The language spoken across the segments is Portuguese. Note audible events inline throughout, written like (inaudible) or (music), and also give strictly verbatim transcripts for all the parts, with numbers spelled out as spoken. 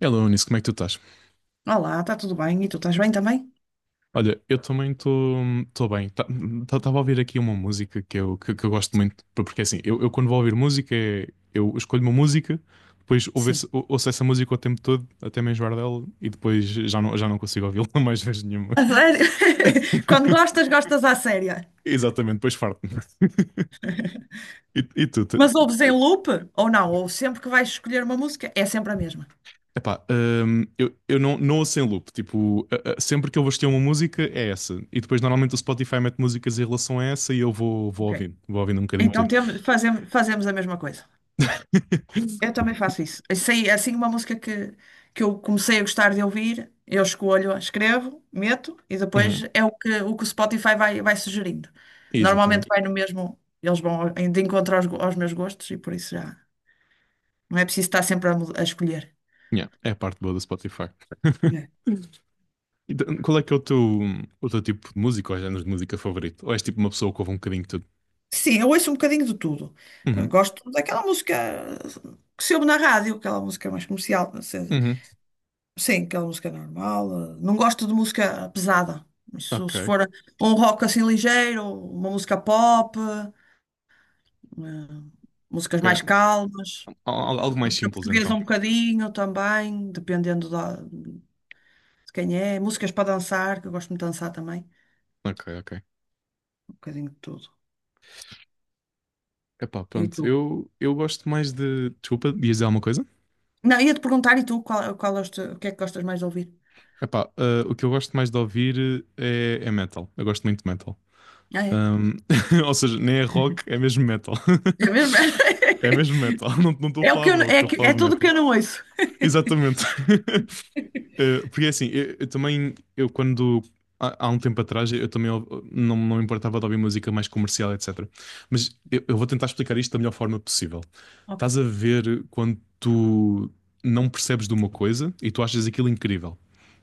Hello, Unis, como é que tu estás? Olá, está tudo bem? E tu estás bem também? Olha, eu também estou bem. Estava a ouvir aqui uma música que eu, que, que eu gosto muito, por- porque assim, eu, eu quando vou ouvir música, é- eu escolho uma música, depois ouve- Sim. ou- ouço essa música o tempo todo, até me enjoar dela, e depois já não, já não consigo ouvi-la (laughs) mais vezes nenhuma. A sério? (laughs) Quando (laughs) gostas, gostas à séria. Exatamente, depois farto-me. E, e tu. Mas ouves em loop ou não? Ou sempre que vais escolher uma música, é sempre a mesma. Epá, hum, eu, eu não, não ouço em loop. Tipo, a- a- sempre que eu vou assistir uma música, é essa. E depois, normalmente, o Spotify mete músicas em relação a essa e eu vou, vou Ok. ouvindo. Vou ouvindo um bocadinho de Então tudo. temos, fazemos, fazemos a mesma coisa. Eu (laughs) também faço isso. Eu sei, assim, uma música que, que eu comecei a gostar de ouvir, eu escolho, escrevo, meto e depois Uhum, é o que o, que o Spotify vai, vai sugerindo. Normalmente exatamente. vai no mesmo, eles vão ao- de encontro aos, go- aos meus gostos e por isso já não é preciso estar sempre a, mu- a escolher. Yeah, é a parte boa do Spotify. É. (laughs) Então, qual é que é o teu, o teu tipo de música ou género de música favorito? Ou és tipo uma pessoa que ouve um bocadinho de tudo? Sim, eu ouço um bocadinho de tudo. Eu Uhum, gosto daquela música que se ouve na rádio, aquela música mais comercial, não sei. uhum, Sim, aquela música normal. eh, Não gosto de música pesada. Isso, se ok. for um rock assim ligeiro, uma música pop, eh, músicas mais Ok. calmas, Al- Algo mais música simples, portuguesa então. um bocadinho também, dependendo da- de quem é. Músicas para dançar, que eu gosto muito de dançar também. Ok, ok. Um bocadinho de tudo. Epá, E pronto. tu? Eu, eu gosto mais de. Desculpa, ias dizer alguma coisa? Não, ia-te perguntar, e tu, qual, qual é o, teu- o que é que gostas mais de ouvir? Epá, ah, o que eu gosto mais de ouvir eh, é, é, metal. Eu gosto muito de metal. Ah, é? Ahm, (laughs) ou seja, nem é rock, é mesmo metal. É (laughs) mesmo? É (laughs) mesmo metal. (laughs) Não, não estou a É o que falar eu, de n- rock, é, estou a que- falar é de tudo que metal. eu não ouço. Exatamente. (laughs) Eh, Porque é assim, eu, eu também, eu quando. Há há um tempo atrás eu também ou- não, não me importava de ouvir música mais comercial, etcetera. Mas eu, eu vou tentar explicar isto da melhor forma possível. Ok. Estás a ver quando tu não percebes de uma coisa e tu achas aquilo incrível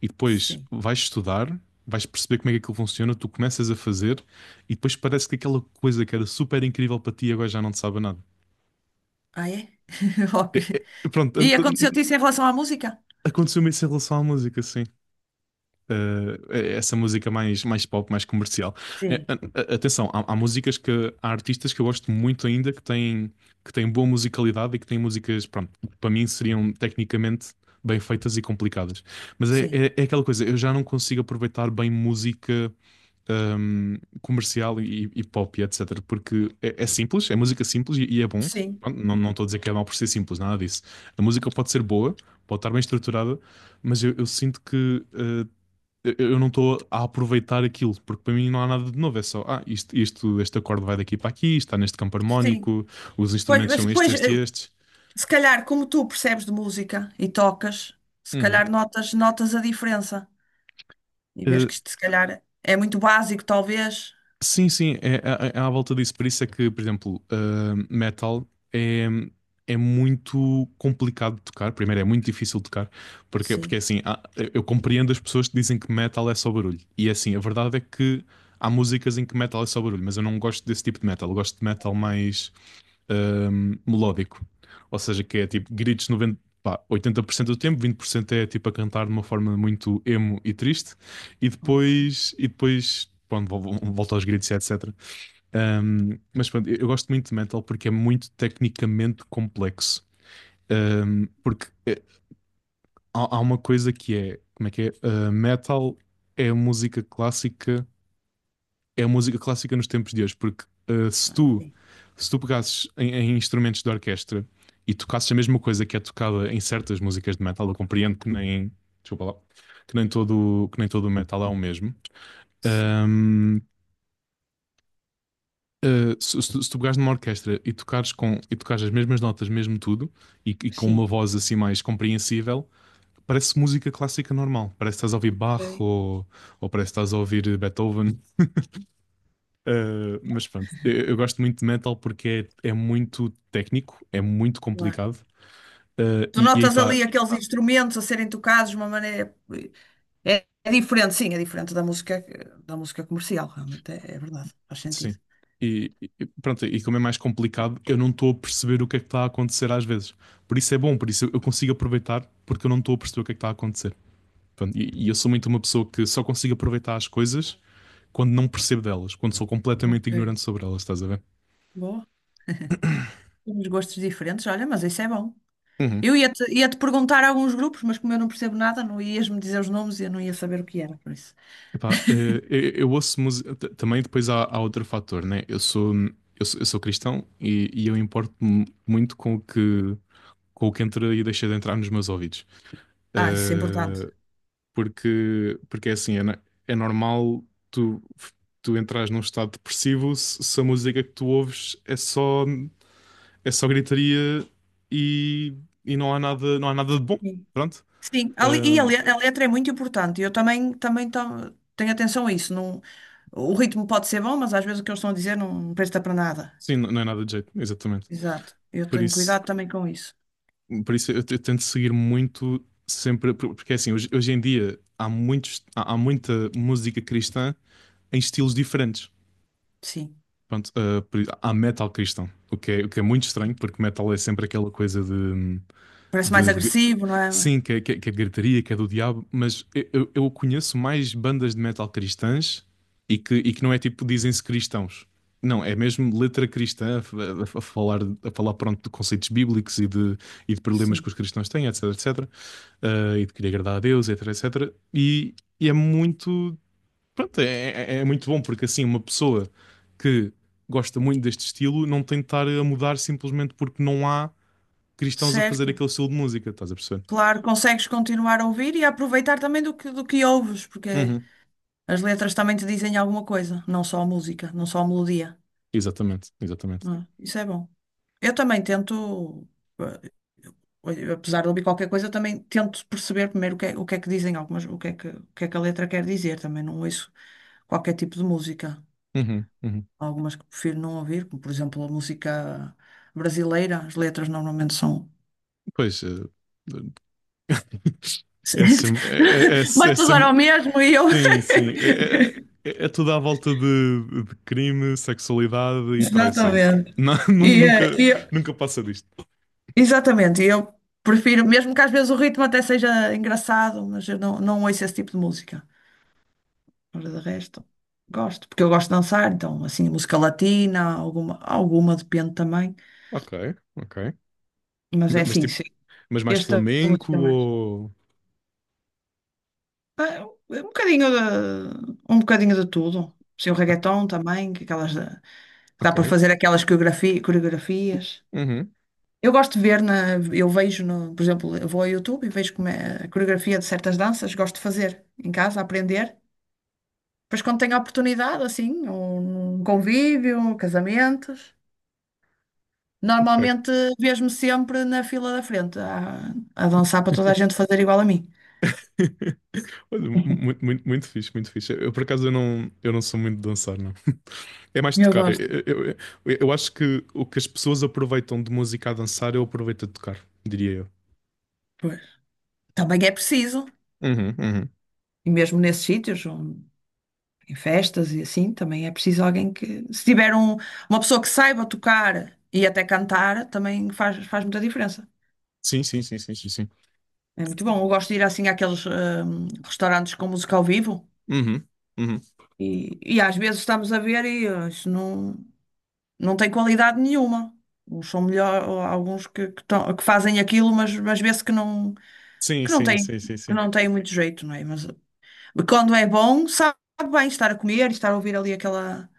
e depois Sim. vais estudar, vais perceber como é que aquilo funciona, tu começas a fazer e depois parece que aquela coisa que era super incrível para ti agora já não te sabe a nada. Ah, é? (laughs) Ok. É- é- pronto, an- E aconteceu-te an- isso em relação à música? aconteceu-me isso em relação à música, sim. Eh, é- essa música mais, mais, pop, mais comercial. Eh, Sim. An- a- atenção, há, há músicas que há artistas que eu gosto muito ainda que têm, que têm boa musicalidade e que têm músicas, pronto, que para mim seriam tecnicamente bem feitas e complicadas. Mas é, Sim. é, é aquela coisa, eu já não consigo aproveitar bem música hum, comercial e, e pop, e etcetera. Porque é, é simples, é música simples e, e é bom. Sim. Não, estou a dizer que é mau por ser simples, nada disso. A música pode ser boa, pode estar bem estruturada, mas eu, eu sinto que eh, eu não estou a aproveitar aquilo, porque para mim não há nada de novo, é só, ah, isto, isto, este acorde vai daqui para aqui, está neste campo Sim. harmónico, os Pois, instrumentos mas são estes, depois, estes e eh, estes. se calhar, como tu percebes de música e tocas, se Uhum. calhar notas, notas a diferença. E vês Eh, que isto, se calhar, é muito básico, talvez. Sim, sim, é, é, é é à volta disso. Por isso é que, por exemplo, ah, metal é, é muito complicado de tocar. Primeiro, é muito difícil de tocar, porque, porque é Sim. assim, há- eu compreendo as pessoas que dizem que metal é só barulho. E é assim, a verdade é que há músicas em que metal é só barulho, mas eu não gosto desse tipo de metal. Eu gosto de Ok. metal mais hum, melódico. Ou seja, que é tipo gritos noventa, pá, oitenta por cento do tempo, vinte por cento é tipo a cantar de uma forma muito emo e triste, e Ok. depois, e depois pronto, vol- volta aos gritos, e etcetera. Hum, mas pronto, eu, eu gosto muito de metal porque é muito tecnicamente complexo. Hum, porque eh, há, há uma coisa que é, como é que é? Uh, metal é música clássica, é música clássica nos tempos de hoje, porque uh, se Ah, tu sim. se tu pegasses em, em, instrumentos de orquestra e tocasses a mesma coisa que é tocada em certas músicas de metal, eu compreendo que Oh. nem, desculpa lá, que nem todo, que nem todo, o metal é o mesmo. Certo. Ahm, ah, se, se tu- se pegares numa orquestra e tocares, com, e tocares as mesmas notas, mesmo tudo, e, e com uma Sim. voz assim mais compreensível, parece música clássica normal. Parece que estás a ouvir Bach Ok. ou, ou, parece que estás a ouvir Beethoven. Ah, mas pronto, eu, eu gosto muito de metal porque é, é muito técnico, é muito Claro. complicado. Uh, Tu e, e aí notas está, ali aqueles instrumentos a serem tocados de uma maneira. eh, É, é diferente, sim, é diferente da música, da música comercial, realmente, é, é verdade, faz sentido. sim. E, e pronto, e como é mais complicado, eu não estou a perceber o que é que está a acontecer às vezes. Por isso é bom, por isso eu consigo aproveitar, porque eu não estou a perceber o que é que está a acontecer. Pronto, e, e, eu sou muito uma pessoa que só consigo aproveitar as coisas quando não percebo delas, quando sou completamente Ok, ignorante sobre elas, estás a ver? boa. Temos gostos diferentes, olha, mas isso é bom. Uhum. Eu ia-te ia-te perguntar alguns grupos, mas como eu não percebo nada, não ias-me dizer os nomes e eu não ia saber o que era, por isso. Epá, eh, eu, eu, ouço música. Também depois há, há outro fator, né? Eu sou, eu sou, eu sou cristão e, e eu importo-me muito com o que, com o que, entra e deixa de entrar nos meus ouvidos. Ah, isso é importante. Eh, porque, porque, é assim, é, na- é normal tu, tu, entrares num estado depressivo se, se a música que tu ouves é só, é só, gritaria e, e não há nada, não há nada de bom. Sim. Pronto. Sim, a le- e a, Ahm, le- a letra é muito importante. Eu também, também to- tenho atenção a isso. Não, o ritmo pode ser bom, mas às vezes o que eles estão a dizer não presta para nada. sim, não, não é nada de jeito, exatamente. Exato. Eu Por tenho isso, cuidado também com isso. por isso eu, eu tento seguir muito sempre, por- porque é assim, hoje, hoje em dia há muitos, há, há muita música cristã em estilos diferentes. Sim. Pronto, ah, por- há metal cristão, o que é, o que é muito estranho, porque metal é sempre aquela coisa de, Parece mais de- de- agressivo, não é? sim, que, é- que, é- que é gritaria, que é do diabo, mas eu, eu- eu conheço mais bandas de metal cristãs e que, e que, não é tipo dizem-se cristãos. Não, é mesmo letra cristã a, a- a falar, a falar, pronto, de conceitos bíblicos e de, e de problemas que Sim. os cristãos têm, etc, etcetera eh, E de querer agradar a Deus, etc, etcetera. E, e é muito, pronto, é, é- é muito bom porque assim uma pessoa que gosta muito deste estilo não tem de estar a mudar simplesmente porque não há cristãos a fazer Certo. aquele estilo de música, estás a perceber? Claro, consegues continuar a ouvir e a aproveitar também do que, do que ouves, porque Uhum, as letras também te dizem alguma coisa, não só a música, não só a melodia, exatamente, exatamente. não é? Isso é bom. Eu também tento, eh, apesar de ouvir qualquer coisa, também tento perceber primeiro o que é, o que é que dizem algumas, o que é que, o que é que a letra quer dizer. Também não ouço qualquer tipo de música. Uhum, uhum. Há algumas que prefiro não ouvir, como por exemplo a música brasileira, as letras normalmente são. Pois, eh, é, sem- (laughs) é, é, é, Vai sem- tudo dar ao mesmo e eu. sim, sim, é, é, é- é tudo à volta de, de crime, sexualidade (laughs) e traição. Exatamente. Não, (laughs) nu- E, eh, nunca, e eu- nunca passa disto. Exatamente, e eu prefiro, mesmo que às vezes o ritmo até seja engraçado, mas eu não, não ouço esse tipo de música. Mas de resto, gosto, porque eu gosto de dançar, então assim, música latina, alguma, alguma depende também. Ok, ok. Mas é Mas, assim, tipo, sim, mas mais esta flamenco música é mais. ou... Ah, um bocadinho de, um bocadinho de tudo. Sim, o reggaeton também, que aquelas da- que dá Ok, para fazer aquelas coreografi- coreografias. uhum, Eu gosto de ver na, eu vejo no, por exemplo, eu vou ao YouTube e vejo como é a coreografia de certas danças, gosto de fazer em casa, aprender. Depois quando tenho a oportunidade, assim, ou num convívio, casamentos, ok. normalmente vejo-me sempre na fila da frente, a, a dançar para toda a (laughs) gente fazer igual a mim. Olha, mu- muito, muito fixe, muito fixe. Eu, por acaso, eu não, eu não sou muito de dançar, não. (laughs) É mais de Eu tocar. Eu, gosto. eu, eu, eu acho que o que as pessoas aproveitam de música a dançar, eu aproveito a tocar, diria eu. Pois. Também é preciso. Uhum, uhum. E mesmo nesses sítios, em festas e assim, também é preciso alguém que, se tiver um- uma pessoa que saiba tocar e até cantar, também faz, faz muita diferença. Sim, sim, sim, sim, sim, sim. É muito bom. Eu gosto de ir assim àqueles hum, restaurantes com música ao vivo Uhum, uhum. e, e às vezes estamos a ver e eh, isso não, não tem qualidade nenhuma. Uns são melhor, ou alguns que, que, tão- que fazem aquilo, mas, mas vê-se que não, Sim, que não sim, tem, sim, sim, que sim. não tem muito jeito, não é? Mas eh, quando é bom, sabe bem estar a comer e estar a ouvir ali aquela,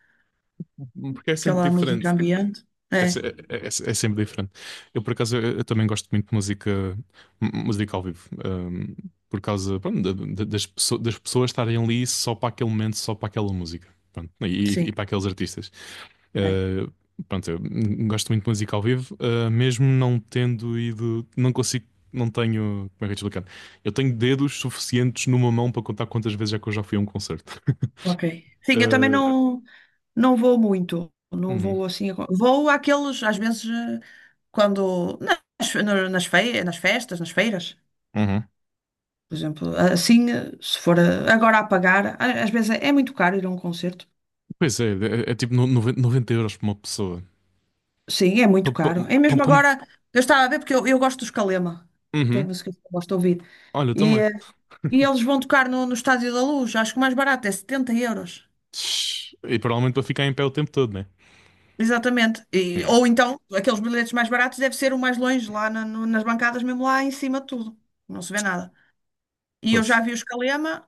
Porque é sempre aquela música diferente. ambiente. É, se- É, é- é- é sempre diferente. Eu, por acaso, eu, eu também gosto muito de música, m- música ao vivo, hum, por causa, pronto, da- da- das, pesso- das pessoas estarem ali só para aquele momento, só para aquela música, pronto, e, e sim. para aqueles artistas. É, Uh, Pronto, eu, hum, gosto muito de música ao vivo, uh, mesmo não tendo ido, não consigo, não tenho, como é que eu te explicar? Eu tenho dedos suficientes numa mão para contar quantas vezes é que eu já fui a um concerto. (laughs) ok. Sim, eu também Uh, não, não vou muito. Não uhum, vou assim. Vou àqueles, às vezes, eh, quando. Nas, no- nas, fe- Nas festas, nas feiras, uhum. por exemplo. Assim, eh, se for eh, agora a pagar, a- às vezes é, é muito caro ir a um concerto. Pois é, é, é tipo no- noven- noventa euros por uma pessoa. Sim, é Pum, muito caro. pum, É pum, mesmo pum. agora. Eu estava a ver porque eu, eu gosto dos Calema. Tem Uhum. músicas que eu gosto de ouvir. Olha, eu E, também. eh, e eles vão tocar no, no Estádio da Luz. Acho que o mais barato é setenta euros. Shhh. E provavelmente para ficar em pé o tempo todo, né? Exatamente. E- Yeah. ou então, aqueles bilhetes mais baratos deve ser o mais longe, lá na- no- nas bancadas, mesmo lá em cima de tudo. Não se vê nada. E eu já Fosse. vi os Calema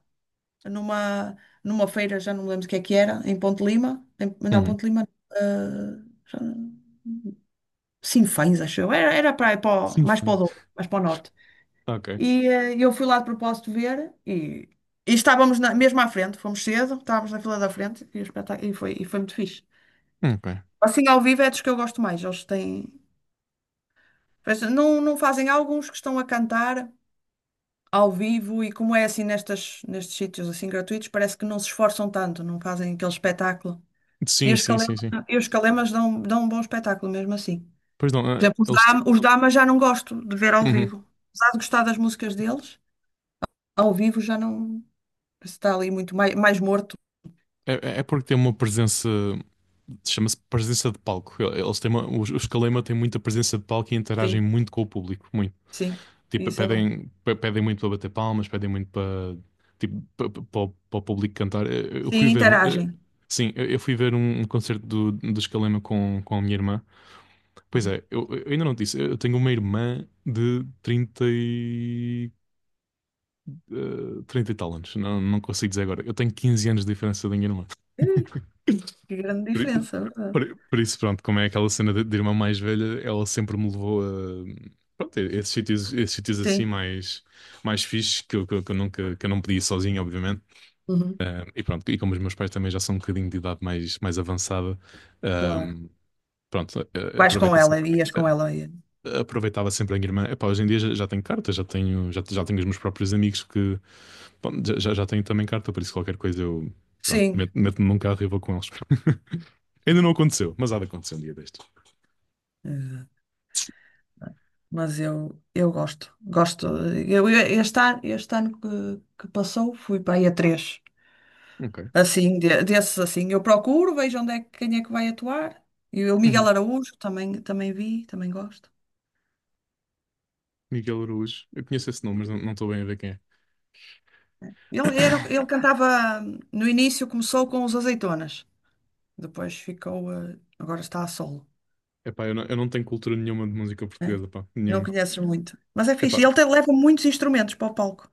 numa, numa feira, já não me lembro o que é que era, em Ponte Lima. Em- não, Uhum. Ponte Lima. Uh, já, Sinfãs, acho eu. Era, era para, aí para o- Sim, mais para o sim. Douro, mais para o norte. Ok. E eh, eu fui lá de propósito ver e, e estávamos na- mesmo à frente, fomos cedo, estávamos na fila da frente e, o espetáculo, e, foi, e foi muito fixe. Ok. Assim, ao vivo é dos que eu gosto mais. Eles têm. Pois, não, não fazem alguns que estão a cantar ao vivo e como é assim nestas, nestes sítios assim gratuitos, parece que não se esforçam tanto, não fazem aquele espetáculo. E Sim, os sim, sim, calemas, sim. e os calemas dão, dão um bom espetáculo mesmo assim. Pois não, Por eh, exemplo, os eles. te- Dama, os Dama já não gosto de ver ao Uhum. vivo. Apesar de gostar das músicas deles, ao vivo já não está ali muito mais, mais morto. É, é é porque tem uma presença. Chama-se presença de palco. Eles têm uma, os, os Kalema têm muita presença de palco e interagem Sim, muito com o público. sim, Tipo, isso é bom. pedem, pe- pedem muito para bater palmas, pedem muito para tipo, pa- pa- para o para o público cantar. Eu eu Sim, fui ver um. eh, interagem. Sim, eu eu fui ver um, um, concerto do, do, Escalema com, com a minha irmã. Pois Uhum. é, eu, eu ainda não te disse, eu tenho uma irmã de trinta e, eh, trinta e tal anos, não, não consigo dizer agora. Eu tenho quinze anos de diferença da minha irmã. Ih, que grande Por, i- diferença, é verdade. por, i- por isso, pronto, como é aquela cena de, de irmã mais velha, ela sempre me levou a pronto, a esses sítios, esses sítios, assim Sim, mais, mais fixes que eu, que eu, que eu nunca que eu não podia ir sozinho, obviamente. uhum, Ah, e pronto, e como os meus pais também já são um bocadinho de idade mais, mais, avançada, ah, claro. pronto, ah, Vais com aproveitei se- ela, ias ah, com ela. Aproveitava sempre a minha irmã. Epá, hoje em dia já, já tenho carta, já tenho, já, já tenho os meus próprios amigos que bom, já, já já tenho também carta, por isso qualquer coisa eu pronto, Sim, meto- meto-me num carro e vou com eles. (laughs) Ainda não aconteceu, mas há de acontecer um dia destes. exato. Mas eu, eu gosto, gosto. Eu, eu- este ano, este ano que, que passou fui para aí a três. Ok. Assim, de- desses assim, eu procuro, vejo onde é, que- quem é que vai atuar. E o Miguel Uhum. Araújo também, também vi, também gosto. Miguel Araújo. Eu conheço esse nome, mas não não estou bem a ver quem é. Ele, era, ele (coughs) cantava, no início começou com os Azeitonas, depois ficou, eh, agora está a solo, Epá, eu não, eu não, tenho cultura nenhuma de música né? portuguesa, pá. Não Nenhuma. conheces muito, mas é fixe. Epá, Ele tem- leva muitos instrumentos para o palco.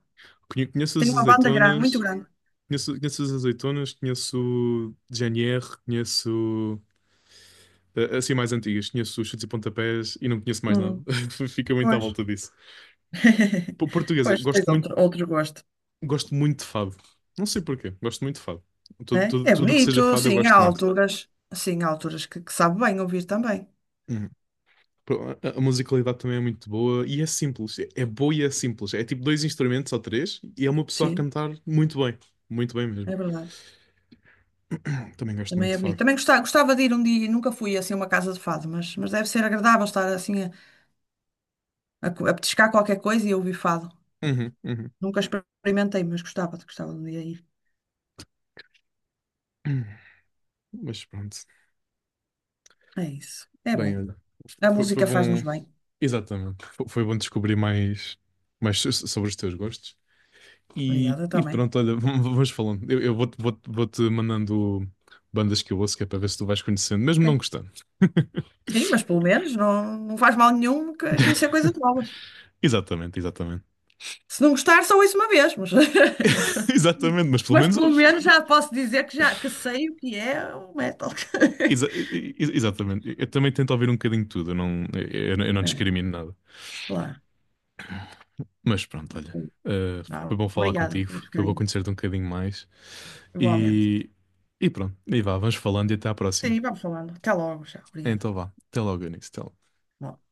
conhe- conheço Tem as uma banda grande, muito Azeitonas, grande. conheço, conheço as azeitonas, conheço G N R, conheço eh, assim mais antigas, conheço os Chutes e Pontapés e não conheço mais nada. Hum. (laughs) Fica muito à Pois. volta disso. (laughs) Po- Portuguesa, Pois, tens gosto muito, outro, outro gosto, gosto muito de fado. Não sei porquê, gosto muito de fado. Tudo, né? tudo, É tudo o que seja bonito, fado eu sim, há gosto muito. alturas, sim, há alturas que, que sabe bem ouvir também. Pro- A a musicalidade também é muito boa e é simples. É é boa e é simples. É tipo dois instrumentos ou três e é uma pessoa a Sim, cantar muito bem. Muito bem mesmo. é verdade. (clears throat) Também gosto Também muito de é bonito. fado. Também gostava, gostava de ir um dia, nunca fui assim a uma casa de fado, mas, mas deve ser agradável estar assim a, a, co- a petiscar qualquer coisa e ouvir fado. Uhum, uhum. Nunca experimentei, mas gostava, gostava de um dia ir. (clears throat) Mas pronto. É isso. É Bem, bom. olha. A Foi, foi música faz-nos bom. bem. Exatamente. Foi, foi bom descobrir mais, mais so- so, sobre os teus gostos. E, Obrigada e também. pronto, olha, (laughs) vamos falando. Eu, eu vou-te vou-te- vou-te mandando bandas que eu ouço, que é para ver se tu vais conhecendo, mesmo Ok. não gostando. Sim, mas pelo menos não, não faz mal nenhum que- conhecer coisas (laughs) novas. Exatamente, exatamente. Se não gostar, só isso uma vez, mas. (laughs) (laughs) Exatamente, mas pelo Mas menos pelo ouves. menos já posso dizer que já que sei o que é o metal. (laughs) Exa- e- e- exatamente. Eu também tento ouvir um bocadinho de tudo, eu não, eu, eu não É, discrimino nada. claro. Mas pronto, olha, eh, foi Não, bom falar obrigada contigo, por este foi bom bocadinho. conhecer-te um bocadinho mais. Igualmente. E, e pronto, e vá, vamos falando e até à próxima. Sim, vamos falando. Até logo, já. Obrigada. Então vá, até logo, Eunice. Até logo. Bom.